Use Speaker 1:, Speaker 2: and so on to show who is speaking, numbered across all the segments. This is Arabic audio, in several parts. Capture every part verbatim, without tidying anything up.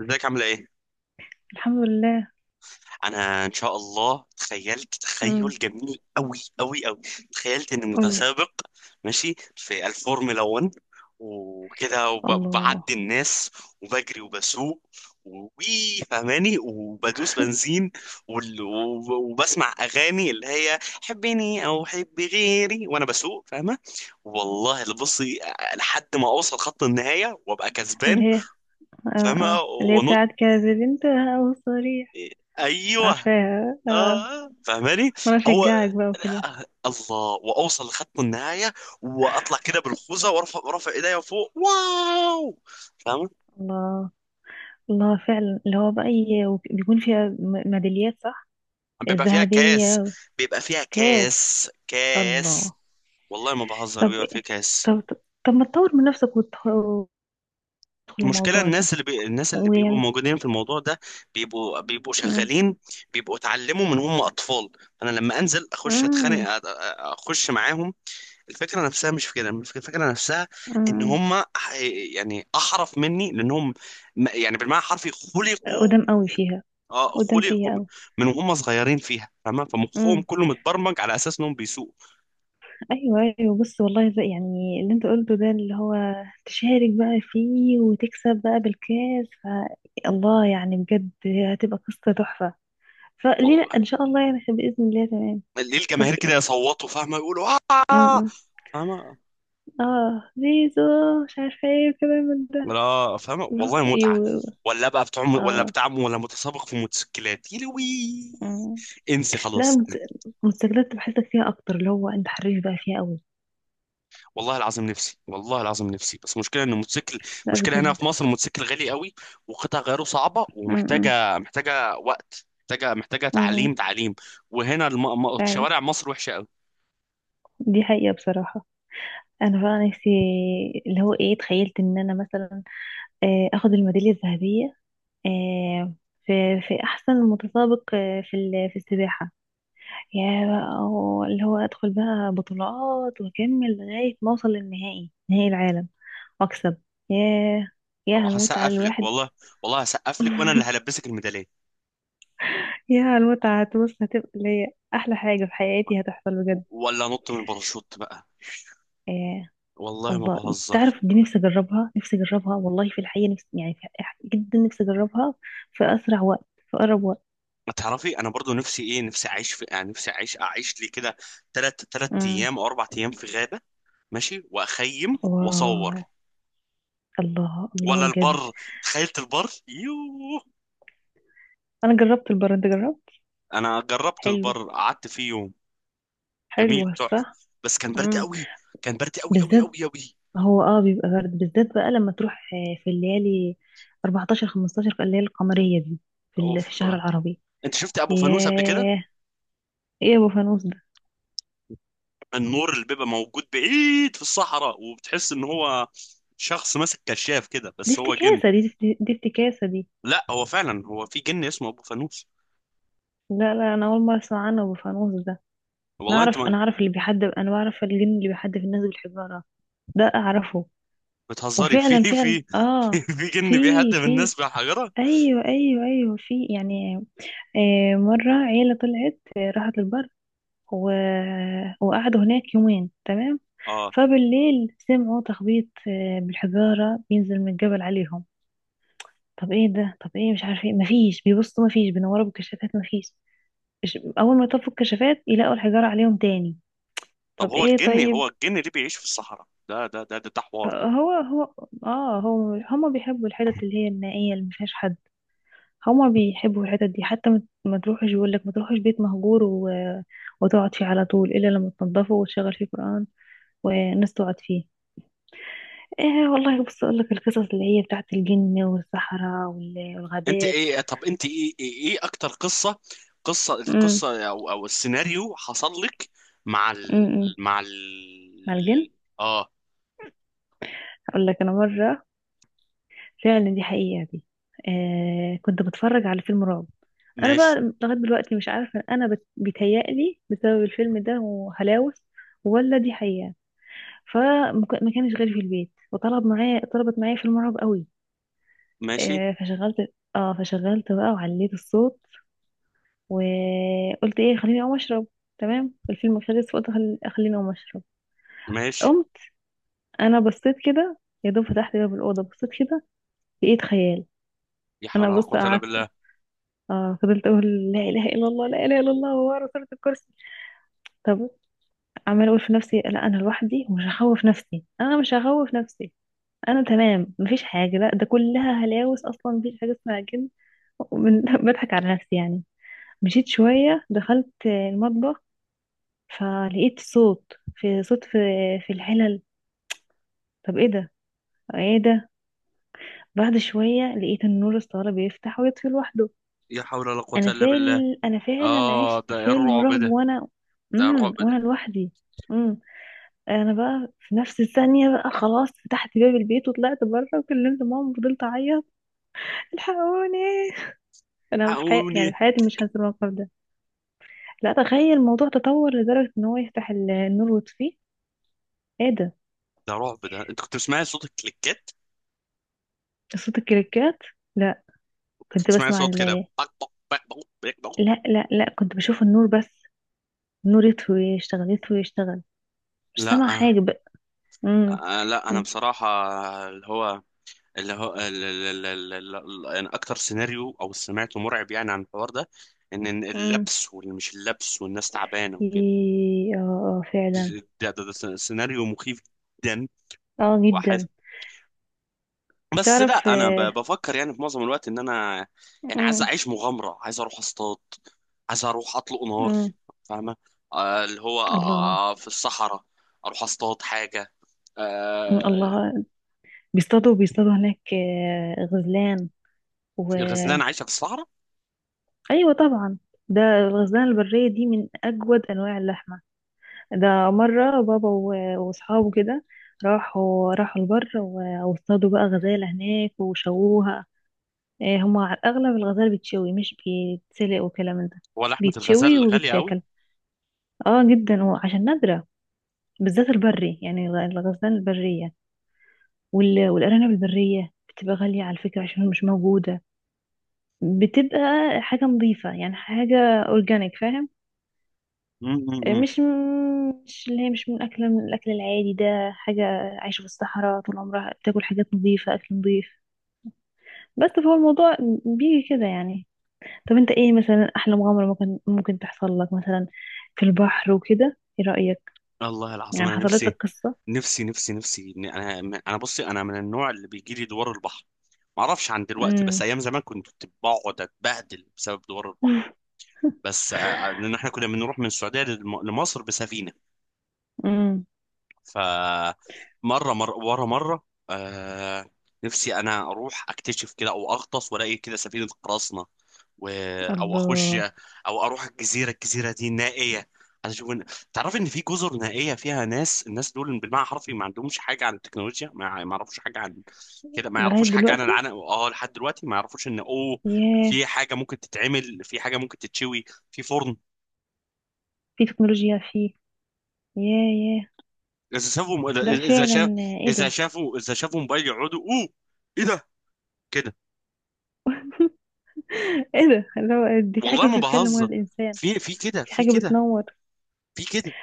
Speaker 1: ازيك عامله ايه؟
Speaker 2: الحمد لله.
Speaker 1: انا ان شاء الله تخيلت
Speaker 2: امم.
Speaker 1: تخيل جميل قوي قوي قوي. تخيلت اني
Speaker 2: قولي.
Speaker 1: متسابق ماشي في الفورمولا واحد، وكده وب-
Speaker 2: الله.
Speaker 1: وبعدي الناس، وبجري وبسوق وي فهماني وبدوس بنزين، وال- وب- وبسمع اغاني اللي هي حبني او حبي غيري وانا بسوق، فاهمه؟ والله اللي بصي لحد ما اوصل خط النهايه وابقى
Speaker 2: اللي
Speaker 1: كسبان،
Speaker 2: هي آه
Speaker 1: فاهمه؟
Speaker 2: آه. اللي هي
Speaker 1: وانط.
Speaker 2: بتاعت كذب انتهى وصريح.
Speaker 1: ايوه،
Speaker 2: عارفاها آه.
Speaker 1: آه، فاهماني.
Speaker 2: وانا
Speaker 1: هو
Speaker 2: اشجعك بقى وكده.
Speaker 1: الله. واوصل لخط النهايه واطلع كده بالخوذه وارفع رافع ايديا فوق، واو، فاهم؟
Speaker 2: الله. الله فعلا اللي هو بقى ي- وب- بيكون فيها م- ميداليات، صح؟
Speaker 1: بيبقى فيها
Speaker 2: الذهبية
Speaker 1: كاس. بيبقى فيها
Speaker 2: والكاس.
Speaker 1: كاس كاس.
Speaker 2: الله.
Speaker 1: والله ما بهزر،
Speaker 2: طب.
Speaker 1: بيبقى فيه كاس.
Speaker 2: طب طب, طب ما تطور من نفسك وتدخل وتدخل
Speaker 1: المشكله،
Speaker 2: الموضوع ده
Speaker 1: الناس اللي بي... الناس اللي بيبقوا
Speaker 2: ويعني.
Speaker 1: موجودين في الموضوع ده بيبقوا بيبقوا
Speaker 2: امم.
Speaker 1: شغالين، بيبقوا اتعلموا من هم اطفال. انا لما انزل اخش اتخانق
Speaker 2: امم.
Speaker 1: أ- أ- اخش معاهم. الفكرة نفسها مش في كده، الفك- الفكرة نفسها ان
Speaker 2: امم.
Speaker 1: هم يعني احرف مني، لانهم م- يعني بالمعنى الحرفي خلقوا.
Speaker 2: قدام قوي فيها.
Speaker 1: اه،
Speaker 2: قدام
Speaker 1: خلقوا
Speaker 2: فيها
Speaker 1: من وهم صغيرين فيها، فاهمة؟
Speaker 2: قوي.
Speaker 1: فمخهم كله متبرمج على اساس انهم بيسوقوا.
Speaker 2: ايوه ايوه بص والله زي يعني اللي انت قلته ده اللي هو تشارك بقى فيه وتكسب بقى بالكاس ف... الله، يعني بجد هتبقى قصة تحفة. فليه لا؟
Speaker 1: والله
Speaker 2: ان شاء الله يعني بإذن الله، تمام.
Speaker 1: ليه
Speaker 2: طب
Speaker 1: الجماهير كده
Speaker 2: إيه-
Speaker 1: يصوتوا، فاهمة، يقولوا اه.
Speaker 2: م- م.
Speaker 1: فاهمة؟
Speaker 2: اه زيزو، مش عارفة ايه وكلام من ده.
Speaker 1: لا، فاهمة،
Speaker 2: لا
Speaker 1: والله متعة.
Speaker 2: ايوه.
Speaker 1: ولا بقى بتاع، ولا
Speaker 2: اه.
Speaker 1: بتاع، ولا متسابق في موتوسيكلات يلوي.
Speaker 2: م.
Speaker 1: انسي
Speaker 2: لا
Speaker 1: خلاص.
Speaker 2: مت- مستجدات بحسك فيها اكتر، اللي هو انت حريف بقى فيها قوي.
Speaker 1: والله العظيم نفسي، والله العظيم نفسي، بس مشكلة ان الموتوسيكل،
Speaker 2: لا
Speaker 1: مشكلة هنا
Speaker 2: بجد.
Speaker 1: في مصر الموتوسيكل غالي قوي، وقطع غيره صعبة،
Speaker 2: م- م.
Speaker 1: ومحتاجة محتاجة وقت، محتاجة محتاجة
Speaker 2: م- م.
Speaker 1: تعليم تعليم. وهنا الم... م-
Speaker 2: فعلا،
Speaker 1: شوارع مصر وحشة قوي.
Speaker 2: دي حقيقة بصراحة. انا بقى نفسي اللي هو ايه، تخيلت ان انا مثلا آه، اخد الميداليه الذهبيه، آه، في في احسن متسابق، آه، في ال- في السباحه، يا بقى و- اللي هو ادخل بقى بطولات واكمل لغايه ما اوصل للنهائي، نهائي العالم واكسب. ياه، يا المتعه
Speaker 1: هسقف لك
Speaker 2: الواحد!
Speaker 1: والله. والله هسقف لك، وانا اللي هلبسك الميدالية.
Speaker 2: يا المتعه، هتبص هتبقى اللي هي احلى حاجه في حياتي هتحصل
Speaker 1: و-
Speaker 2: بجد.
Speaker 1: ولا نط من الباراشوت بقى.
Speaker 2: آه،
Speaker 1: والله ما
Speaker 2: الله.
Speaker 1: بهزر.
Speaker 2: تعرف دي نفسي اجربها، نفسي اجربها والله في الحقيقه نفسي، يعني في الحقيقة جدا نفسي اجربها في اسرع وقت، في اقرب وقت.
Speaker 1: ما تعرفي، انا برضو نفسي ايه؟ نفسي اعيش في، يعني نفسي اعيش اعيش لي كده تلات تلات
Speaker 2: امم.
Speaker 1: ايام او اربع ايام في غابة، ماشي، واخيم
Speaker 2: واو.
Speaker 1: واصور.
Speaker 2: الله،
Speaker 1: ولا
Speaker 2: الله بجد.
Speaker 1: البر، تخيلت البر، يوه.
Speaker 2: انا جربت البرد، انت جربت؟
Speaker 1: انا جربت
Speaker 2: حلو.
Speaker 1: البر، قعدت فيه يوم. جميل
Speaker 2: حلو
Speaker 1: تحفه.
Speaker 2: صح.
Speaker 1: بس كان برد
Speaker 2: امم.
Speaker 1: قوي. كان برد قوي قوي
Speaker 2: بالذات،
Speaker 1: قوي قوي.
Speaker 2: هو اه بيبقى برد بالذات بقى لما تروح، آه، في الليالي أربعة عشر خمسة عشر، الليالي القمرية دي، في ال- في
Speaker 1: اوف.
Speaker 2: الشهر العربي.
Speaker 1: انت شفت ابو فانوس قبل كده؟
Speaker 2: ياه. ايه يا ابو فانوس ده؟
Speaker 1: النور اللي بيبقى موجود بعيد في الصحراء وبتحس ان هو شخص ماسك كشاف كده،
Speaker 2: دي
Speaker 1: بس هو جن.
Speaker 2: افتكاسة دي دي دي افتكاسة دي.
Speaker 1: لا، هو فعلا، هو في جن اسمه ابو فانوس.
Speaker 2: لا لا انا اول مرة اسمع عنه، ابو فانوس. انا
Speaker 1: والله انت
Speaker 2: اعرف
Speaker 1: ما
Speaker 2: انا اعرف اللي بيحدف، انا بعرف الجن اللي بيحدف الناس بالحجارة، ده اعرفه.
Speaker 1: بتهزري. في
Speaker 2: وفعلا فعلا
Speaker 1: في
Speaker 2: اه.
Speaker 1: في
Speaker 2: في
Speaker 1: جن بيهدم
Speaker 2: في
Speaker 1: الناس بحجره.
Speaker 2: ايوه ايوه ايوه في يعني، آه، مرة عيلة طلعت، آه، راحت البر و... وقعدوا هناك يومين، تمام.
Speaker 1: اه.
Speaker 2: فبالليل سمعوا تخبيط، آه، بالحجارة بينزل من الجبل عليهم. طب ايه ده؟ طب ايه؟ مش عارف ايه. مفيش بيبصوا، مفيش بينوروا بالكشافات، مفيش. إش- اول ما يطفوا الكشافات يلاقوا الحجارة عليهم تاني.
Speaker 1: طب
Speaker 2: طب
Speaker 1: هو
Speaker 2: ايه؟
Speaker 1: الجن،
Speaker 2: طيب.
Speaker 1: هو الجن اللي بيعيش في الصحراء ده ده ده ده, ده, حوار ده.
Speaker 2: هو هو. اه، هو هما بيحبوا الحتت اللي هي النائية اللي مفيهاش حد، هما بيحبوا الحتت دي، حتى ما ما تروحش، يقول لك ما تروحش بيت مهجور و... وتقعد فيه على طول، الا لما تنضفه وتشغل فيه قرآن والناس تقعد فيه. ايه والله، بص اقول لك القصص اللي هي بتاعت الجن والصحراء وال-
Speaker 1: انت
Speaker 2: والغابات.
Speaker 1: ايه؟ طب انت ايه ايه, إيه اكتر قصه، قصه
Speaker 2: امم.
Speaker 1: القصه او او السيناريو حصل لك مع
Speaker 2: امم
Speaker 1: ال...
Speaker 2: إمم.
Speaker 1: مع ال...
Speaker 2: مع الجن.
Speaker 1: اه؟
Speaker 2: اقول لك، انا مرة فعلا، دي حقيقة دي، آه، كنت بتفرج على فيلم رعب. انا
Speaker 1: ماشي
Speaker 2: بقى لغايه دلوقتي مش عارفه انا بت- بيتهيألي بسبب الفيلم ده وهلاوس، ولا دي حقيقه. فما كانش غيري في البيت، وطلب معايا، طلبت معايا فيلم رعب قوي.
Speaker 1: ماشي
Speaker 2: آه، فشغلت، اه فشغلت بقى وعليت الصوت، وقلت ايه، خليني اقوم اشرب. تمام، الفيلم خلص، فقلت خل- خليني اقوم اشرب.
Speaker 1: ماشي.
Speaker 2: قمت، انا بصيت كده، يا دوب فتحت باب الاوضه، بصيت كده، لقيت خيال.
Speaker 1: يا حول
Speaker 2: انا
Speaker 1: ولا
Speaker 2: بص
Speaker 1: قوه الا
Speaker 2: قعدت،
Speaker 1: بالله.
Speaker 2: اه فضلت اقول لا اله الا الله، لا اله الا الله، ورا صورة الكرسي. طب. عمال اقول في نفسي، لا انا لوحدي ومش هخوف نفسي، انا مش هخوف نفسي، انا تمام، مفيش حاجه، لا ده كلها هلاوس، اصلا مفيش حاجه اسمها جن. ومن- بضحك على نفسي يعني. مشيت شويه، دخلت المطبخ، فلقيت صوت، في صوت في في الحلل. طب ايه ده؟ ايه ده؟ بعد شويه لقيت النور الصاله بيفتح ويطفي لوحده.
Speaker 1: يا حول ولا قوه
Speaker 2: انا
Speaker 1: الا بالله.
Speaker 2: فعل انا فعلا
Speaker 1: اه،
Speaker 2: عشت
Speaker 1: ده إيه
Speaker 2: فيلم
Speaker 1: الرعب
Speaker 2: رعب،
Speaker 1: ده؟
Speaker 2: وانا،
Speaker 1: ده
Speaker 2: امم،
Speaker 1: رعب ده.
Speaker 2: وانا لوحدي. انا بقى في نفس الثانية بقى، خلاص، فتحت باب البيت وطلعت بره وكلمت ماما وفضلت اعيط، الحقوني! انا بحي... يعني
Speaker 1: حقوني.
Speaker 2: في حياتي مش هنسى الموقف ده. لا تخيل، الموضوع تطور لدرجة ان هو يفتح ال- النور ويطفيه، ايه ده؟
Speaker 1: ده رعب ده. انت كنت بتسمعي صوت الكليكات؟
Speaker 2: صوت الكريكات؟ لا.
Speaker 1: كنت
Speaker 2: كنت
Speaker 1: بتسمعي
Speaker 2: بسمع
Speaker 1: صوت كده،
Speaker 2: ال...
Speaker 1: بق بق بق بق، بق بق.
Speaker 2: لا لا لا كنت بشوف النور بس، النور يطفي ويشتغل، يطفي ويشتغل، مش
Speaker 1: لا،
Speaker 2: سامعة حاجة بقى. امم.
Speaker 1: آه، لا، انا بصراحه اللي هو، اللي هو ال- ال- ال- ال- ال- يعني اكتر سيناريو او سمعته مرعب يعني عن الحوار ده، ان إن
Speaker 2: امم.
Speaker 1: اللبس، واللي مش اللبس والناس تعبانه وكده،
Speaker 2: إيه، اه. آه، فعلا.
Speaker 1: ده, ده, ده س- سيناريو مخيف جدا.
Speaker 2: اه
Speaker 1: واحد.
Speaker 2: جدا.
Speaker 1: بس
Speaker 2: تعرف
Speaker 1: لا، انا ب-
Speaker 2: آه.
Speaker 1: بفكر يعني في معظم الوقت ان انا، يعني عايز
Speaker 2: امم.
Speaker 1: اعيش مغامره، عايز اروح اصطاد، عايز اروح اطلق نار.
Speaker 2: امم.
Speaker 1: فاهمه؟ آه، اللي هو
Speaker 2: الله.
Speaker 1: آه، في الصحراء، اروح اصطاد حاجه.
Speaker 2: م-
Speaker 1: آه،
Speaker 2: الله. بيصطادوا، بيصطادوا هناك آه، غزلان و.
Speaker 1: في الغزلان عايشه في الصحراء.
Speaker 2: ايوه طبعا. ده الغزلان البرية دي من اجود انواع اللحمة. ده مرة بابا و- واصحابه كده، راحوا راحوا البر و- واصطادوا بقى غزالة هناك وشووها. آه، هما على الاغلب الغزال بتشوي مش بيتسلق وكلام من ده،
Speaker 1: هو لحمه
Speaker 2: بيتشوي
Speaker 1: الغزال غاليه
Speaker 2: وبيتاكل. اه جدا، وعشان نادرة، بالذات البري، يعني الغ- الغزلان البرية وال- والارانب البرية بتبقى غالية على فكرة عشان مش موجودة. بتبقى حاجة نظيفة، يعني حاجة اورجانيك فاهم.
Speaker 1: قوي.
Speaker 2: مش، مش اللي هي مش من اكل، من الاكل العادي ده، حاجة عايشة في الصحراء طول عمرها بتاكل حاجات نظيفة، اكل نظيف. بس فهو الموضوع بيجي كده يعني. طب انت ايه مثلا، احلى مغامرة ممكن ممكن تحصل لك مثلا في البحر وكده، ايه رأيك؟
Speaker 1: والله العظيم
Speaker 2: يعني
Speaker 1: انا
Speaker 2: حصلت
Speaker 1: نفسي،
Speaker 2: لك قصة.
Speaker 1: نفسي نفسي نفسي إن انا انا بصي، انا من النوع اللي بيجي لي دوار البحر. ما اعرفش عن دلوقتي، بس
Speaker 2: امم.
Speaker 1: ايام زمان كنت بقعد اتبهدل بسبب دوار البحر. بس آه، لان احنا كنا بنروح من السعوديه للم- لمصر بسفينه،
Speaker 2: امم.
Speaker 1: فمره مره ورا مره. آه. نفسي انا اروح اكتشف كده، او اغطس والاقي كده سفينه قراصنه، و... او اخش،
Speaker 2: الله.
Speaker 1: او اروح الجزيره، الجزيره دي نائيه. عايز اشوف إن... تعرف ان في جزر نائيه فيها ناس، الناس دول بالمعنى الحرفي ما عندهمش حاجه عن التكنولوجيا، ما ما يعرفوش حاجه عن كده، ما
Speaker 2: لغاية
Speaker 1: يعرفوش حاجه عن
Speaker 2: دلوقتي.
Speaker 1: العنق. اه، لحد دلوقتي ما يعرفوش ان اوه،
Speaker 2: ياه.
Speaker 1: في حاجه ممكن تتعمل، في حاجه ممكن تتشوي في فرن.
Speaker 2: في تكنولوجيا فيه. ياه. ياه.
Speaker 1: اذا شافوا اذا
Speaker 2: لا
Speaker 1: إذا شاف،
Speaker 2: فعلا. ايه
Speaker 1: اذا
Speaker 2: ده؟
Speaker 1: شافوا اذا شافوا موبايل يقعدوا اوه، ايه ده، كده.
Speaker 2: ايه ده؟ اللي هو دي في حاجة
Speaker 1: والله ما
Speaker 2: بتتكلم ولا
Speaker 1: بهزر،
Speaker 2: الإنسان؟
Speaker 1: في في كده
Speaker 2: في
Speaker 1: في
Speaker 2: حاجة
Speaker 1: كده
Speaker 2: بتنور؟
Speaker 1: في كده.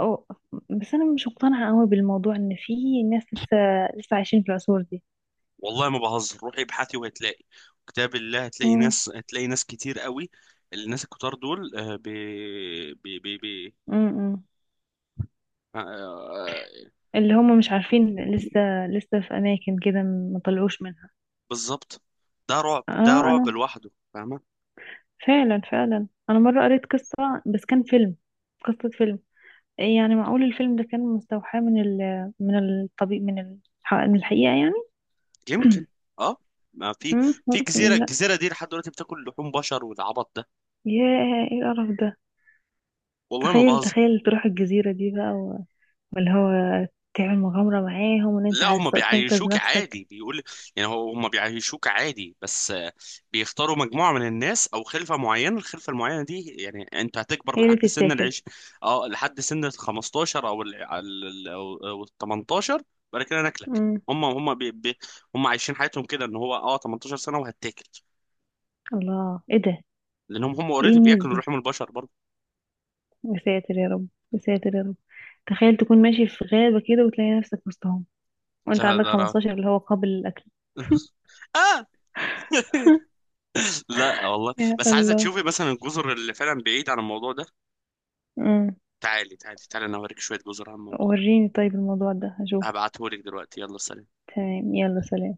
Speaker 2: أو. بس أنا مش مقتنعة قوي بالموضوع، إن في ناس لسه، لسه عايشين في العصور دي.
Speaker 1: والله ما بهزر، روحي ابحثي وهتلاقي. كتاب الله، هتلاقي
Speaker 2: مم.
Speaker 1: ناس، هتلاقي ناس كتير قوي. الناس الكتار دول آه، بي بي بي بي
Speaker 2: مم.
Speaker 1: آه، آه،
Speaker 2: اللي هم مش عارفين لسه، لسه في أماكن كده ما طلعوش منها.
Speaker 1: بالظبط. ده رعب، ده
Speaker 2: اه
Speaker 1: رعب
Speaker 2: أنا
Speaker 1: لوحده، فاهمه؟
Speaker 2: فعلا، فعلا أنا مرة قريت قصة، بس كان فيلم، قصة فيلم، يعني معقول الفيلم ده كان مستوحى من ال، من الطبيب، من ال- من الحقيقة يعني.
Speaker 1: يمكن. اه، ما في،
Speaker 2: مم.
Speaker 1: في جزيره،
Speaker 2: ممكن، لا.
Speaker 1: الجزيره دي لحد دلوقتي بتاكل لحوم بشر والعبط ده.
Speaker 2: ياه، ايه القرف ده!
Speaker 1: والله ما
Speaker 2: تخيل،
Speaker 1: بهزر.
Speaker 2: تخيل تروح الجزيرة دي بقى و- واللي هو تعمل مغامرة معاهم، وان انت
Speaker 1: لا،
Speaker 2: عايز
Speaker 1: هم
Speaker 2: ت- تنقذ
Speaker 1: بيعيشوك
Speaker 2: نفسك.
Speaker 1: عادي، بيقول يعني هو، هم بيعيشوك عادي، بس آه، بيختاروا مجموعة من الناس او خلفة معينة. الخلفة المعينة دي يعني انت هتكبر
Speaker 2: هي اللي
Speaker 1: لحد سن
Speaker 2: تتاكل.
Speaker 1: العيش. اه، لحد سن ال الخمستاشر او ال ال- او أو ال التمنتاشر، بعد كده ناكلك.
Speaker 2: امم.
Speaker 1: هم هم بي بي هم عايشين حياتهم كده ان هو، اه، 18 سنة وهتاكل،
Speaker 2: الله، ايه ده؟
Speaker 1: لانهم هم
Speaker 2: ايه
Speaker 1: اوريدي
Speaker 2: الناس
Speaker 1: بياكلوا
Speaker 2: دي؟
Speaker 1: لحوم البشر برضه.
Speaker 2: يا ساتر يا رب يا ساتر يا رب. تخيل تكون ماشي في غابة كده وتلاقي نفسك وسطهم، وانت
Speaker 1: لا
Speaker 2: عندك
Speaker 1: لا لا.
Speaker 2: خمستاشر، اللي هو قابل للأكل!
Speaker 1: آه، لا والله،
Speaker 2: يا
Speaker 1: بس عايزة
Speaker 2: الله.
Speaker 1: تشوفي مثلا الجزر اللي فعلا بعيد عن الموضوع ده.
Speaker 2: امم.
Speaker 1: تعالي تعالي تعالي، انا اوريك شوية جزر عن الموضوع ده.
Speaker 2: وريني طيب الموضوع ده هشوف.
Speaker 1: هبعتهولك دلوقتي، يلا سلام.
Speaker 2: تمام، يلا سلام.